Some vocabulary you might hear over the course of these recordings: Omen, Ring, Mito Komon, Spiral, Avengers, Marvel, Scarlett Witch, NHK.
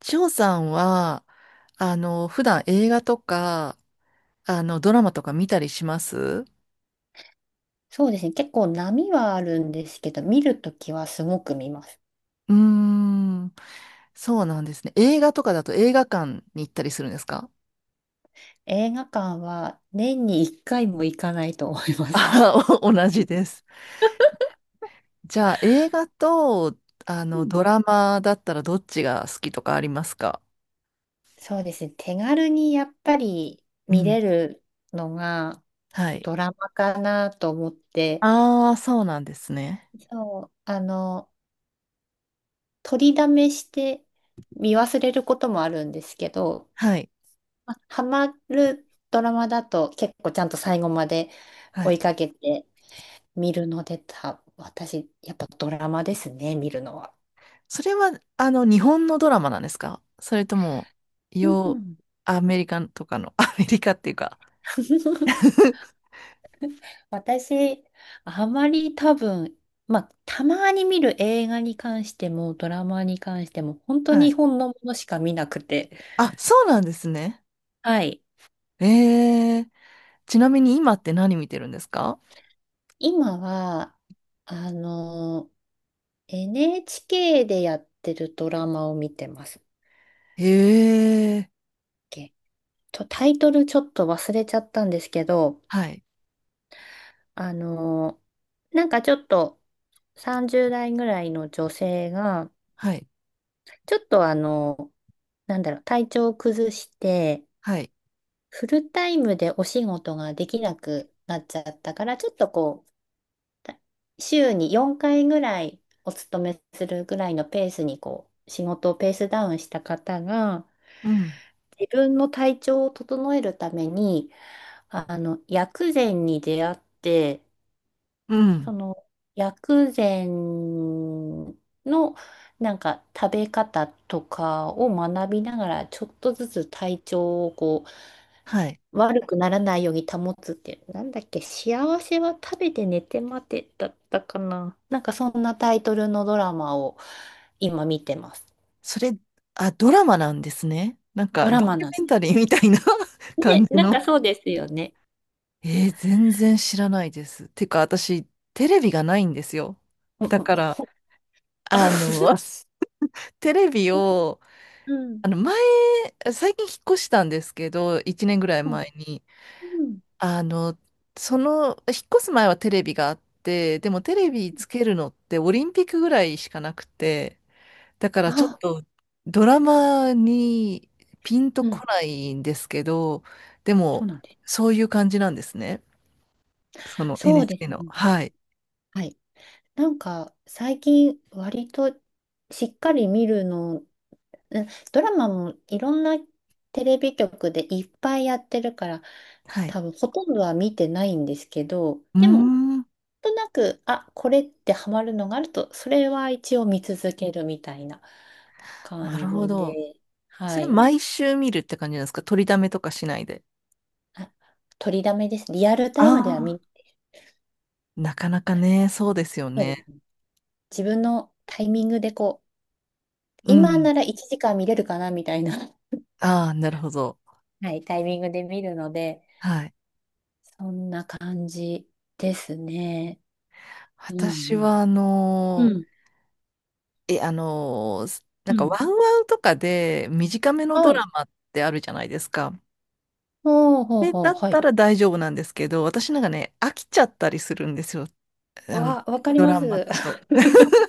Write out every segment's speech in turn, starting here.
ジョさんは、普段映画とか、ドラマとか見たりします？うそうですね。結構波はあるんですけど、見るときはすごく見ます。ーん、そうなんですね。映画とかだと映画館に行ったりするんですか？映画館は年に1回も行かないと思います。あ、お同じです。じゃあ、映画と、うん。ドラマだったらどっちが好きとかありますか？そうですね。手軽にやっぱりう見ん。れるのがはい。ドラマかなと思って、ああ、そうなんですね。そう、取りだめして見忘れることもあるんですけど、はい。まあハマるドラマだと結構ちゃんと最後までは追いい。かけて見るので私、やっぱドラマですね、見るのは。それは、日本のドラマなんですか、それとも、うよん。アメリカとかの、アメリカっていうか、私、あまり多分、まあ、たまに見る映画に関しても、ドラマに関しても、本当はに日い。本のものしか見なくて。あ、そうなんですね。はい。えー、ちなみに今って何見てるんですか？今は、あの、NHK でやってるドラマを見てますっええ、け。と、タイトルちょっと忘れちゃったんですけど、はい、なんかちょっと30代ぐらいの女性が、はい、ちょっとなんだろう、体調を崩して、はい、フルタイムでお仕事ができなくなっちゃったから、ちょっとこう、た週に4回ぐらいお勤めするぐらいのペースにこう、仕事をペースダウンした方が、うん、自分の体調を整えるために、薬膳に出会って、うそん、の薬膳のなんか食べ方とかを学びながらちょっとずつ体調をこうはい。悪くならないように保つってなんだっけ、幸せは食べて寝て待てだったかな、なんかそんなタイトルのドラマを今見てます。それ、あ、ドラマなんですね。なんドか、ドラマキュなんで。メンタリーみたいな 感ね、じなんかの。そうですよね。全然知らないです。てか、私、テレビがないんですよ。うんだうんから、あの、テレビを、うん。前、最近引っ越したんですけど、1年ぐらいうん。前に。うん、あの、引っ越す前はテレビがあって、でもテレビつけるのってオリンピックぐらいしかなくて、だからちょっあ、とドラマにピンとうこん。ないんですけど、でそうもなんです。そういう感じなんですね。その そうです NHK の。ね。はい。はい。なんか最近割としっかり見るの、うん、ドラマもいろんなテレビ局でいっぱいやってるから、はい。多分ほとんどは見てないんですけど、うーでもん。なんとなく、あ、これってハマるのがあると、それは一応見続けるみたいなな感るほじど。で、そはれい。毎週見るって感じなんですか？取りだめとかしないで。あ、取りだめですね。リアルタあイムでは見、あ。なかなかね、そうですよそうでね。すね。自分のタイミングでこう、う今ん。なら1時間見れるかなみたいな、ああ、なるほど。はい、タイミングで見るので、はい。そんな感じですね。う私んは、あうん。のうん、ー、え、あのー、なうんかワん。ンワンとかで短めのドはラい。マってあるじゃないですか。ほうほうほだう、っはたい。ら大丈夫なんですけど、私なんかね、飽きちゃったりするんですよ。あの、わかりドまラマす。だと。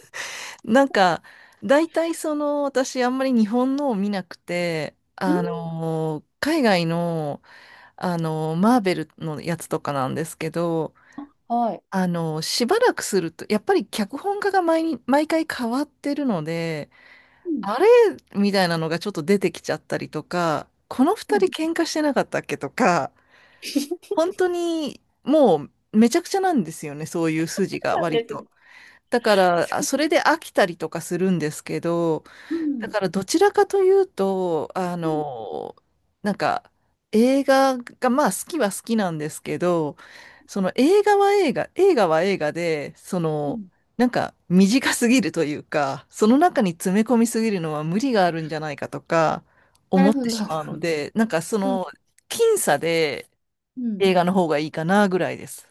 なんか、大体私あんまり日本のを見なくて、うあん、の海外の、あのマーベルのやつとかなんですけど、はい。しばらくすると、やっぱり脚本家が毎回変わってるので、うん、あれみたいなのがちょっと出てきちゃったりとか、このう二ん、人喧嘩してなかったっけとか、本当にもうめちゃくちゃなんですよね、そういうそ筋うがなん割ですと。ね。だから、それで飽きたりとかするんですけど、うだん。からどちらかというと、うん、なんか映画が、まあ好きは好きなんですけど、その映画は映画、映画は映画で、うん。なんか短すぎるというか、その中に詰め込みすぎるのは無理があるんじゃないかとかな思るっほてど。しまうの で、なんかうん、僅差でうん。映画の方がいいかなぐらいです。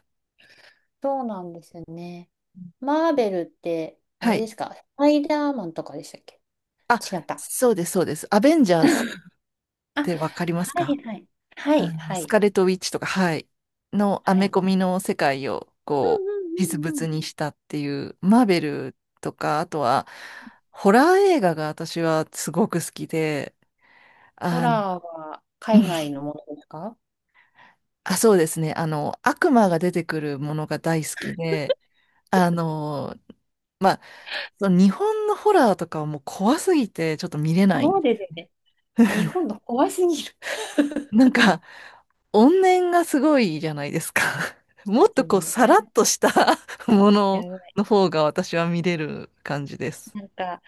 そうなんですよね。マーベルって、あはれでい。すか、スパイダーマンとかでしたっけ？あ、違った。そうです、そうです。アベンジャーズっあ、はてわかりますいか？はい。はいあの、はスい。カーレット・ウィッチとか、はい、のアはメい。コミの世界を、うこう、実ん、うん、うんうん。物にしたっていう、マーベルとか、あとは、ホラー映画が私はすごく好きで、ホあの、ラーは うん、海外のものですか？あ、そうですね、悪魔が出てくるものが大好きで、あの、まあ、その日本のホラーとかはもう怖すぎて、ちょっと見れない。そうですね。日本の怖すぎる。なんか、怨念がすごいじゃないですか。そもうっですとこう、ね。さなんらかっとした ものやばい。の方が私は見れる感じです。なんか、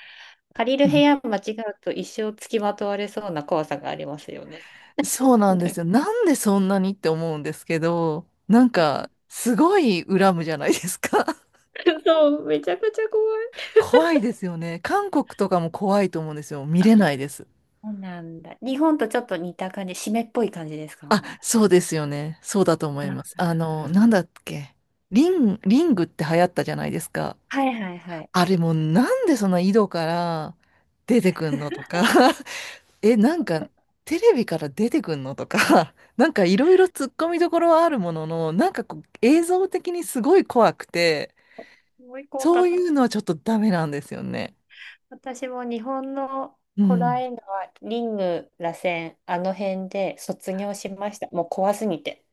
借りうる部ん、屋間違うと一生付きまとわれそうな怖さがありますよね。そう ななんでんすか、よ。なんでそんなにって思うんですけど、なんうん、か、すごい恨むじゃないですか。そう、めちゃくちゃ怖い。怖いですよね。韓国とかも怖いと思うんですよ。見あ、れないです。そうなんだ。日本とちょっと似た感じ、湿っぽい感じですあ、か？そうですよね。そうだと思あいます。ー、なんだっけ。リングって流行ったじゃないですか。はいはいはい。あれもうなんでそんな井戸から出てくんのとか。なんか、テレビから出てくんのとか、なんかいろいろ突っ込みどころはあるものの、なんかこう、映像的にすごい怖くて、すごい怖かそうっいた。うのはちょっとダメなんですよね。私も日本のうホラーん。映画は、リング、螺旋、あの辺で卒業しました。もう怖すぎて。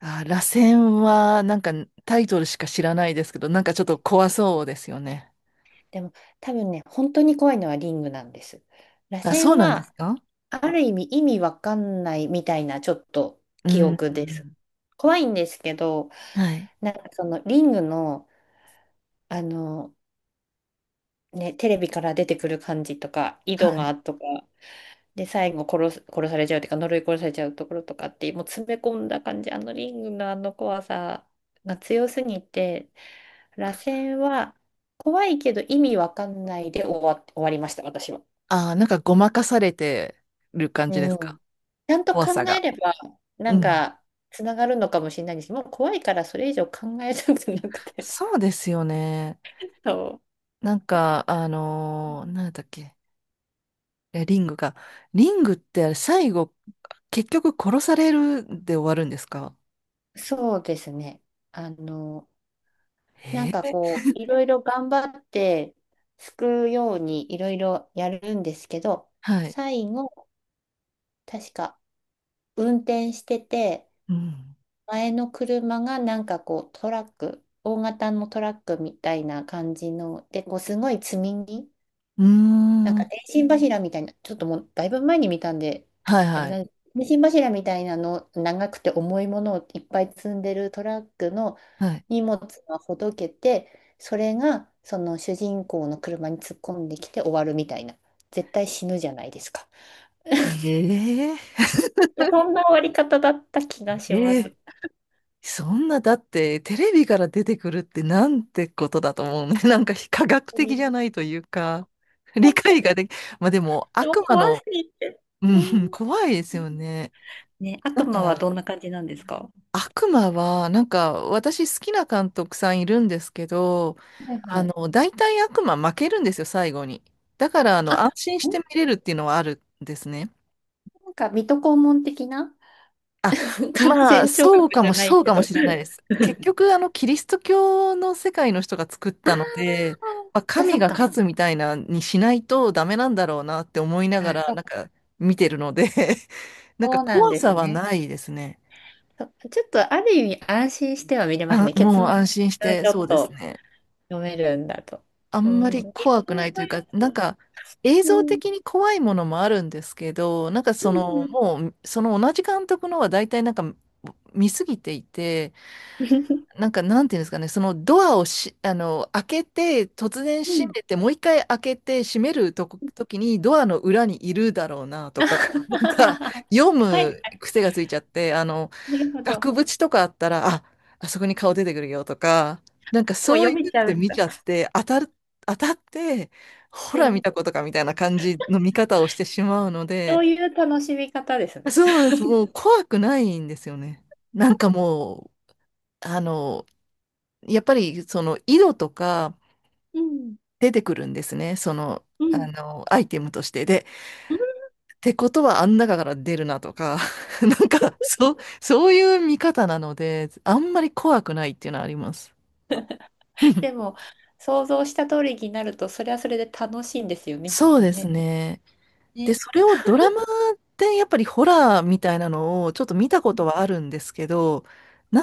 あ、螺旋は、なんかタイトルしか知らないですけど、なんかちょっと怖そうですよね。でも多分ね、本当に怖いのはリングなんです。螺あ、そう旋なんですは、か？ある意味意味わかんないみたいなちょっとう記ん。憶うです。ん、怖いんですけど、はい。なんかそのリングの、あの、ね、テレビから出てくる感じとか、井は戸い。がとか、で、最後殺されちゃうっていうか、呪い殺されちゃうところとかって、もう詰め込んだ感じ、あのリングのあの怖さが強すぎて、螺旋は怖いけど意味わかんないで終わりました、私は。あ、なんかごまかされてる感うじですか？ん。ちゃんと怖さ考えが。れば、なうんん。か、つながるのかもしれないんですけど、もう怖いからそれ以上考えたくなくて。そうですよね。そなんか、なんだっけ。いや、リングが。リングってあれ最後、結局殺されるで終わるんですか？う。そうですね。あの、なえんかー、こう、いろいろ頑張って、救うようにいろいろやるんですけど、はい。最後、確か運転してて、うん。前の車がなんかこう、トラック、大型のトラックみたいな感じの、で、こう、すごい積み荷、うーなんかん。電信柱みたいな、ちょっともうだいぶ前に見たんで、はいあはれない。んです。電信柱みたいなの、長くて重いものをいっぱい積んでるトラックのはい。荷物がほどけて、それがその主人公の車に突っ込んできて終わるみたいな。絶対死ぬじゃないですか。え そんな終わり方だった気がしー、まえー、す。そんな、だって、テレビから出てくるってなんてことだと思うね。なんか非科学本当的に、じゃないというか、理本当解にができ、まあでも、でも悪魔怖の、すぎて。ううん、ん。怖いですよね。ね、な悪ん魔はか、どんな感じなんですか？悪魔は、なんか、私好きな監督さんいるんですけど、はいはい。大体悪魔負けるんですよ、最後に。だから、安あ、心して見れるっていうのはあるんですね。なんか水戸黄門的な、あ、感まあ、染症学じゃないそうけかもど。し れないです。結局、キリスト教の世界の人が作っあたので、あ、まあ、そっかそ神っがか。勝つみたいなにしないとダメなんだろうなって思いながあ、ら、なんか、見てるので なんかそうなん怖でさすはね。ないですね。そ、ちょっとある意味安心しては見れますあ、ね。結もう末が安心して、ちょそっうですとね。読めるんだと。あうんまりん。日怖くない本というのやか、なんつ、か映う像ん。的に怖いものもあるんですけど、なんかうそのんもう、その同じ監督のは大体なんか見すぎていて、うんなんかなんていうんですかね、そのドアをし、あの、開けて、突然うん。閉うん。めて、もう一回開けて閉めるとこ、時にドアの裏にいるだろうな とか、なんかは読い。はい、む癖がついちゃって、なるほど。も額縁とかあったら、あ、あそこに顔出てくるよとか、なんかうそうい読うめのちゃうでん見だ。ちゃって、当たって、ほうら見ん。たことかみたいな感じの見方をしてしまうのそで、ういう楽しみ方ですね。そうです。もう怖くないんですよね。なんかもう、やっぱりその色とかうん。出てくるんですね。うん。アイテムとして。で、ってことはあん中から出るなとか、なんか、そう、そういう見方なので、あんまり怖くないっていうのはあります。でも、想像した通りになると、それはそれで楽しいんですよね、きっそうとですね。ね。で、ね。それをドラマでやっぱりホラーみたいなのをちょっと見たこうとはあるんですけど、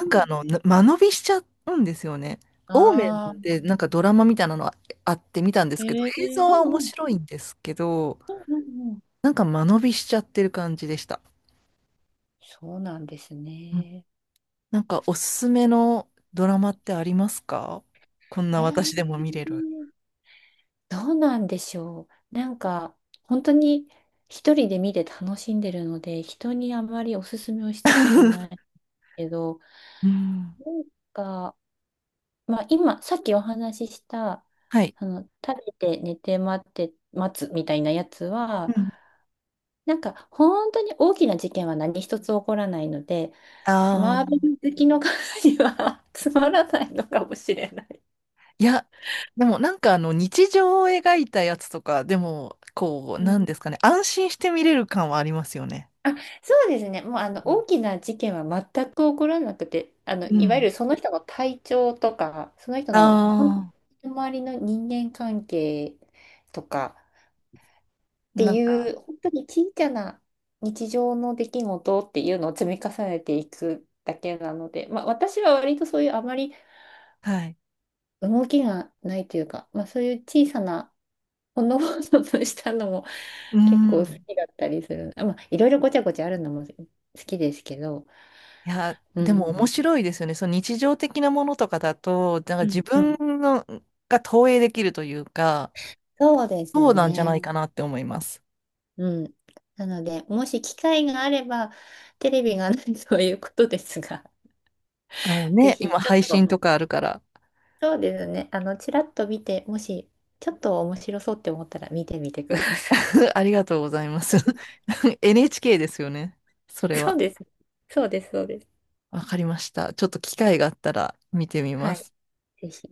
ん、んか間延びしちゃうんですよね。オーメあンあ、でなんかドラマみたいなのああって見たんですけど、え映え、像うは面んうん、白いんですけど、うんうんうん。なんか間延びしちゃってる感じでした。そうなんですうん。ね。なんかおすすめのドラマってありますか？こんえな私でもー見れる。どうなんでしょう。なんか、本当に一人で見て楽しんでるので、人にあまりおすすめをしたことないけど、うん。なんか、まあ今、さっきお話しした、はい。食べて寝て待って待つみたいなやつは、うん。なんか本当に大きな事件は何一つ起こらないので、あマーベあ。ル好きの方には つまらないのかもしれない。いや、でもなんかあの日常を描いたやつとか、でもこう、うん。なんですかね、安心して見れる感はありますよね。あ、そうですね。もうあの大きな事件は全く起こらなくて、あのうんいわゆん。るその人の体調とか、その人の本ああ当に周りの人間関係とかっー、てなんいか、う、本当に小さな日常の出来事っていうのを積み重ねていくだけなので、まあ、私は割とそういう、あまりはい。動きがないというか、まあ、そういう小さなほのぼのとしたのも う 結構好ん。きだったりする。あ、まあ、いろいろごちゃごちゃあるのも好きですけど、いや、うでん、もう面ん、白いですよね。その日常的なものとかだと、なんかうん自う分ん。のが投影できるというか、そうですそうなんじゃね。ないかなって思います。うん。なので、もし機会があれば、テレビがないということですが、あの ぜね、ひ今ちょっ配と、信とかあるから、そうですね、ちらっと見て、もし、ちょっと面白そうって思ったら見てみてくださ ありがとうございます。NHK ですよね。そい。れそうは。です。そうです、そうです。わかりました。ちょっと機会があったら見てみまはい、す。ぜひ。